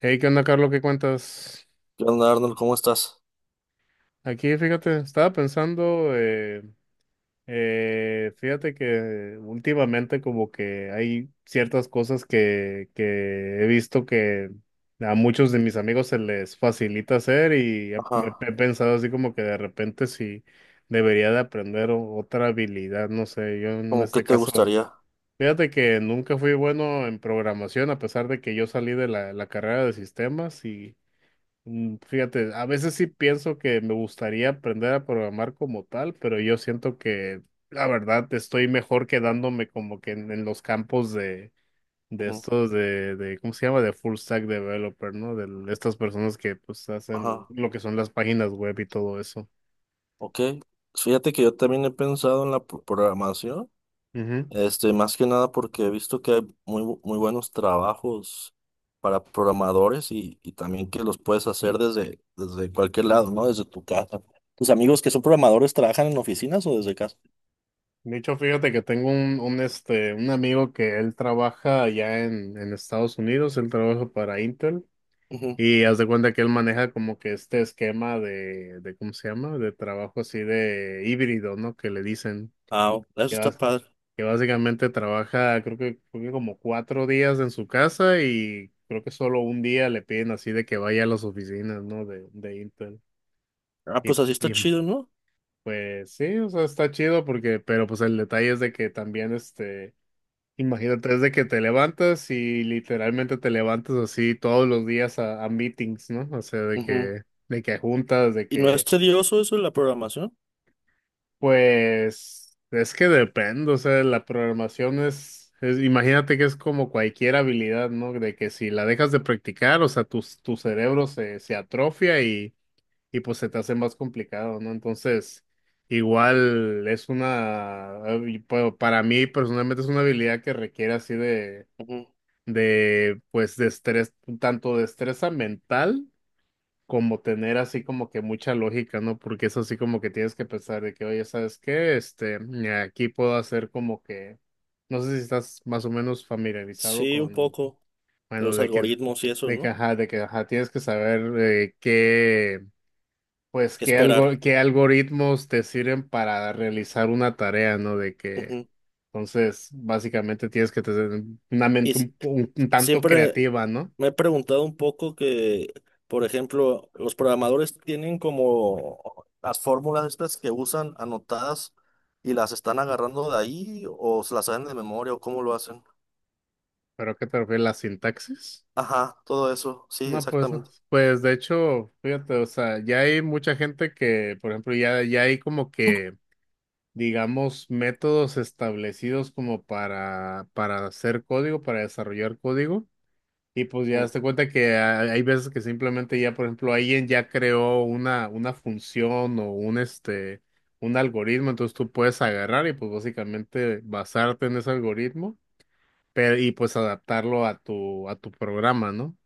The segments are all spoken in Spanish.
Hey, ¿qué onda, Carlos? ¿Qué cuentas? ¿Qué onda, Arnold? ¿Cómo estás? Aquí, fíjate, estaba pensando, fíjate que últimamente como que hay ciertas cosas que he visto que a muchos de mis amigos se les facilita hacer y he, me- Ajá. he pensado así como que de repente si debería de aprender otra habilidad, no sé, yo en ¿Cómo qué este te caso, gustaría? fíjate que nunca fui bueno en programación a pesar de que yo salí de la carrera de sistemas y. Fíjate, a veces sí pienso que me gustaría aprender a programar como tal, pero yo siento que la verdad estoy mejor quedándome como que en los campos de Ujú. estos ¿cómo se llama? De full stack developer, ¿no? De estas personas que pues hacen Ajá. lo que son las páginas web y todo eso. Ok. Fíjate que yo también he pensado en la programación. Ujú. Este, más que nada porque he visto que hay muy buenos trabajos para programadores y, también que los puedes hacer desde cualquier lado, ¿no? Desde tu casa. ¿Tus amigos que son programadores trabajan en oficinas o desde casa? De hecho, fíjate que tengo un amigo que él trabaja allá en Estados Unidos, él trabaja para Intel. Ujú. Y haz de cuenta que él maneja como que este esquema de ¿cómo se llama? De trabajo así de híbrido, ¿no? Que le dicen Ah, eso que, está bas- padre. que básicamente trabaja, creo que como 4 días en su casa y creo que solo un día le piden así de que vaya a las oficinas, ¿no? De Intel. Ah, Y, pues así está y chido, ¿no? pues sí, o sea, está chido porque, pero pues el detalle es de que también este... Imagínate, desde que te levantas y literalmente te levantas así todos los días a meetings, ¿no? O sea, de Ujú. que, de que juntas, de ¿Y no es que, tedioso eso de la programación? pues, es que depende, o sea, la programación es, imagínate que es como cualquier habilidad, ¿no? De que si la dejas de practicar, o sea, tu cerebro se atrofia y pues se te hace más complicado, ¿no? Entonces, igual es una, y, pues, para mí personalmente es una habilidad que requiere así de Ujú. de pues de estrés, tanto destreza mental como tener así como que mucha lógica, ¿no? Porque es así como que tienes que pensar de que, oye, ¿sabes qué? Aquí puedo hacer como que, no sé si estás más o menos familiarizado Sí, un con, poco. De bueno, los algoritmos y eso, ¿no? De que, ajá, tienes que saber qué, pues, Que esperar. qué algoritmos te sirven para realizar una tarea, ¿no? De que, Ujú. entonces, básicamente tienes que tener una Y mente si- un tanto Siempre creativa, ¿no? me he preguntado un poco que, por ejemplo, los programadores tienen como las fórmulas estas que usan anotadas y las están agarrando de ahí o se las saben de memoria o cómo lo hacen. ¿Pero a qué te refieres la sintaxis? Ajá, todo eso, sí, No, pues no. exactamente. Pues de hecho, fíjate, o sea, ya hay mucha gente que, por ejemplo, ya, ya hay como que, digamos, métodos establecidos como para hacer código, para desarrollar código. Y pues Mm, ya te cuenta que hay veces que simplemente ya, por ejemplo, alguien ya creó una función o un algoritmo, entonces tú puedes agarrar y pues básicamente basarte en ese algoritmo, pero y pues adaptarlo a tu programa, ¿no?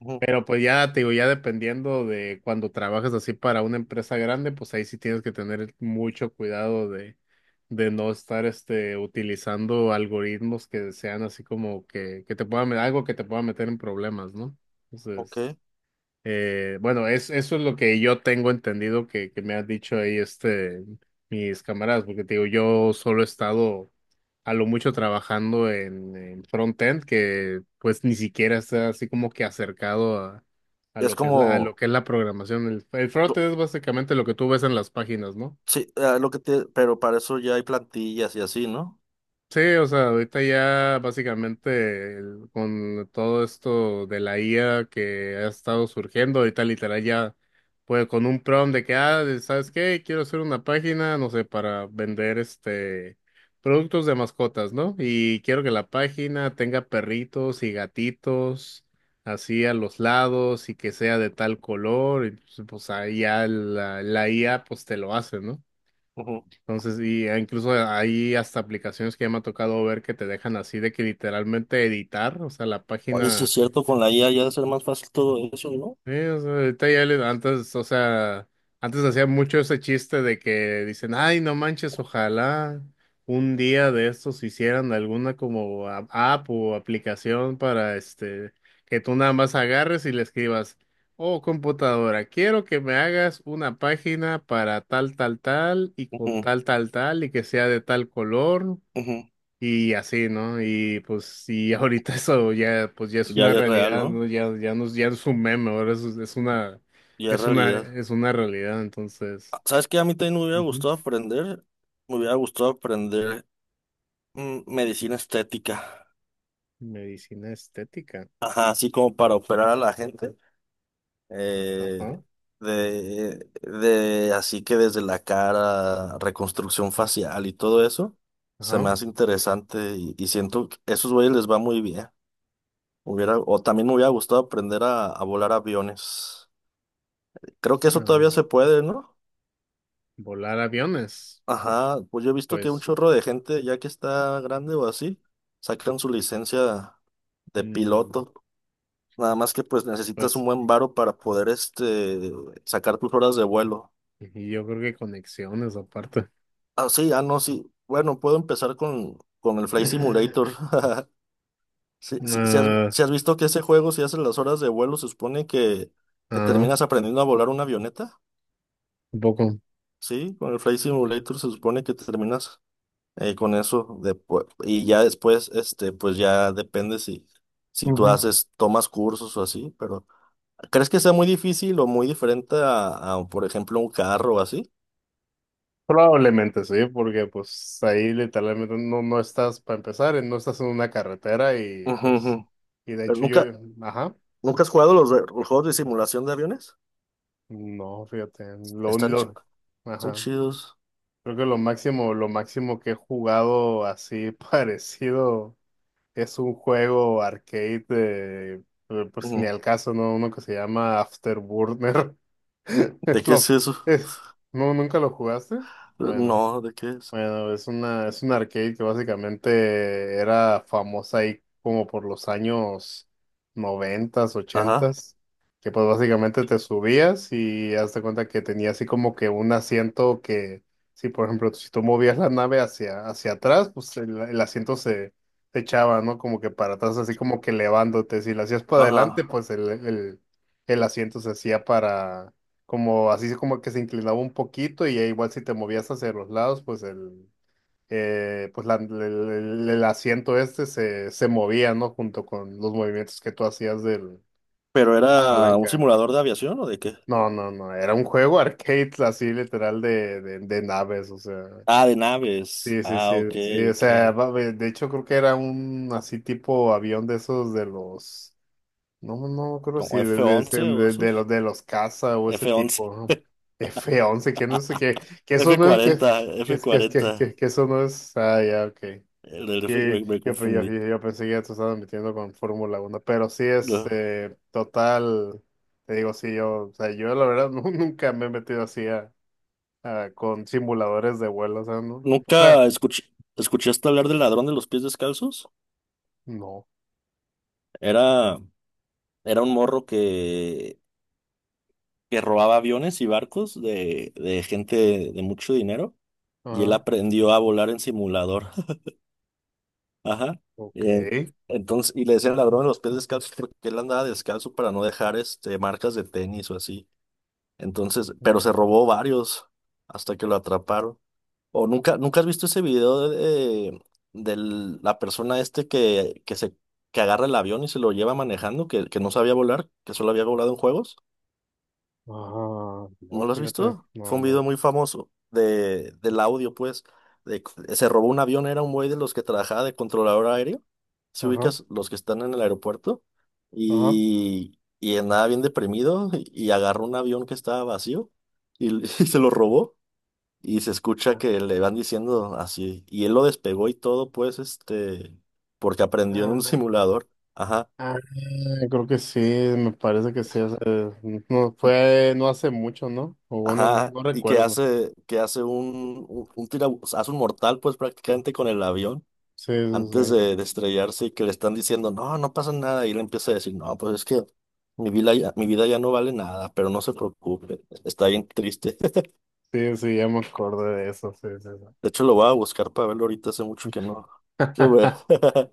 ujú. Pero pues ya te digo, ya dependiendo de cuando trabajas así para una empresa grande, pues ahí sí tienes que tener mucho cuidado de no estar utilizando algoritmos que sean así como que te puedan, algo que te pueda meter en problemas, ¿no? Entonces. Ok. Bueno, eso es lo que yo tengo entendido que me han dicho ahí mis camaradas, porque te digo, yo solo he estado a lo mucho trabajando en frontend, que pues ni siquiera está así como que acercado a Es lo que es la, a lo como, que es la programación. El co- frontend es básicamente lo que tú ves en las páginas, ¿no? sí, lo que te, pero para eso ya hay plantillas y así, ¿no? Sí, o sea, ahorita ya básicamente con todo esto de la IA que ha estado surgiendo, ahorita literal ya, pues con un prompt de que, ah, de- ¿sabes qué? Quiero hacer una página, no sé, para vender productos de mascotas, ¿no? Y quiero que la página tenga perritos y gatitos así a los lados y que sea de tal color, y pues, pues ahí ya la IA pues te lo hace, ¿no? Ujú. Entonces, y incluso hay hasta aplicaciones que ya me ha tocado ver que te dejan así de que literalmente editar, o sea, la Oye, sí es página. cierto, con la IA ya debe ser más fácil todo eso, ¿no? Sí, o sea, ahorita ya antes, o sea, antes hacía mucho ese chiste de que dicen, ay, no manches, ojalá un día de estos hicieran alguna como app o aplicación para este, que tú nada más agarres y le escribas, oh, computadora, quiero que me hagas una página para tal, tal, tal y con Ujú, tal, tal, tal y que sea de tal color. ujú. Y así, ¿no? Y pues, y ahorita eso ya, pues ya es Ya, una ya es real, realidad, ¿no? ¿no? Ya, ya no, ya no es un meme, ahora es, es una, Ya es es una, realidad. es una realidad, entonces. Ah, ¿sabes qué? A mí también me hubiera Ujú. gustado aprender, me hubiera gustado aprender medicina estética. Medicina estética. Ajá, así como para operar a la gente. Eh, Ajá, así que desde la cara, reconstrucción facial y todo eso, se me ajá. hace interesante y siento que a esos güeyes les va muy bien. Hubiera, o también me hubiera gustado aprender a volar aviones. Creo que eso todavía Am, se puede, ¿no? volar aviones. Ajá, pues yo he visto que un Pues, chorro de gente, ya que está grande o así, sacan su licencia de mm, piloto. Nada más que pues necesitas un pues, buen varo para poder este sacar tus horas de vuelo. y yo creo que conexiones aparte. Ah, sí, ah, no, sí. Bueno, puedo empezar con el Flight Simulator. Si has, Ah, si has visto que ese juego, si haces las horas de vuelo, se supone que ah, terminas aprendiendo a volar una avioneta. un poco. Sí, con el Flight Simulator se supone que terminas con eso después y ya después este pues ya depende si si tú haces tomas cursos o así pero ¿crees que sea muy difícil o muy diferente por ejemplo un carro o así? Probablemente sí, porque pues ahí literalmente no, no estás, para empezar, no estás en una carretera y Ujú, pues, ujú. y de Pero hecho yo, nunca ajá, nunca has jugado los juegos de simulación de aviones? no, fíjate, Están chi- Están ajá, chidos. creo que lo máximo que he jugado así parecido es un juego arcade, de, pero, pues ni Ujú. al caso, ¿no? Uno que se llama Afterburner, ¿De es qué lo, es eso? es, no, ¿nunca lo jugaste? Bueno. No, ¿de qué es? Bueno, es un arcade que básicamente era famosa ahí como por los años noventas, Ajá, ochentas, que pues básicamente te subías y hazte cuenta que tenía así como que un asiento que, si por ejemplo, si tú movías la nave hacia, hacia atrás, pues el asiento se echaba, ¿no? Como que para atrás, así como que elevándote. Si lo hacías para adelante, ajá. pues el asiento se hacía como así como que se inclinaba un poquito y ya igual si te movías hacia los lados, pues el, pues la- el asiento este se movía, ¿no? Junto con los movimientos que tú hacías de la ¿Pero era un palanca. simulador de aviación o de qué? No, no, no, era un juego arcade así literal de, de naves, o sea. Ah, de naves. Sí, sí, sí, Ah, ok, sí, o ok. sea, de hecho creo que era un así tipo avión de esos de los. No, no, creo si ¿Como de, F de, once de- o de- de esos? los de los casa o ese F once. tipo, ¿no? F11 que no sé qué, que eso no es, que que f es que es que, cuarenta, que, que eso no es, ah, ya, ok. el del F Y me yo, pe- yo, confundí. yo, yo pensé que ya te estabas metiendo con F1 pero sí, No. este, total, te digo, sí, yo, o sea, yo la verdad nunca me he metido así a, con simuladores de vuelo, o sea, ¿Nunca escuché, ¿Escuchaste hablar del ladrón de los pies descalzos? no, Era, Era un morro que robaba aviones y barcos de gente de mucho dinero y él ajá, aprendió a volar en simulador. Ajá. ok, Eh, ajá, entonces, y le decían ladrón de los pies descalzos porque él andaba descalzo para no dejar este, marcas de tenis o así. Entonces, pero se robó varios hasta que lo atraparon. O nunca has visto ese video de la persona este que se que agarra el avión y se lo lleva manejando, que no sabía volar, que solo había volado en juegos. no, ¿No lo has fíjate, visto? Fue no, un video no, muy famoso de, del audio, pues, de, se robó un avión, era un güey de los que trabajaba de controlador aéreo. Si ajá, ubicas los que están en el aeropuerto, ajá. Y andaba bien deprimido, y agarró un avión que estaba vacío y y se lo robó. Y se escucha que le van diciendo así. Y él lo despegó y todo, pues, este, porque aprendió en un Ah, simulador. Ajá. ah, creo que sí, me parece que sí. O sea, no y- fue, no hace mucho, ¿no? O bueno, no, Ajá. no Y que recuerdo. Que hace un o sea, hace un mortal, pues, prácticamente con el avión Sí, sí, antes sí. De estrellarse y que le están diciendo, no, no pasa nada. Y él empieza a decir, no, pues es que mi vida ya no vale nada, pero no se preocupe. Está bien triste. Sí, sí, ya me acordé de eso. Sí, sí, De hecho, lo voy a buscar para verlo ahorita. Hace mucho sí. que no lo veo.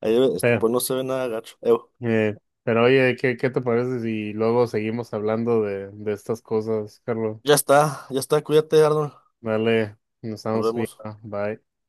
Ahí, este, Pero, pues no se ve nada gacho. eh, pero oye, ¿qué te parece si luego seguimos hablando de estas cosas, Carlos? Ya está, cuídate, Arnold. Dale, nos Nos estamos vemos. viendo. Bye.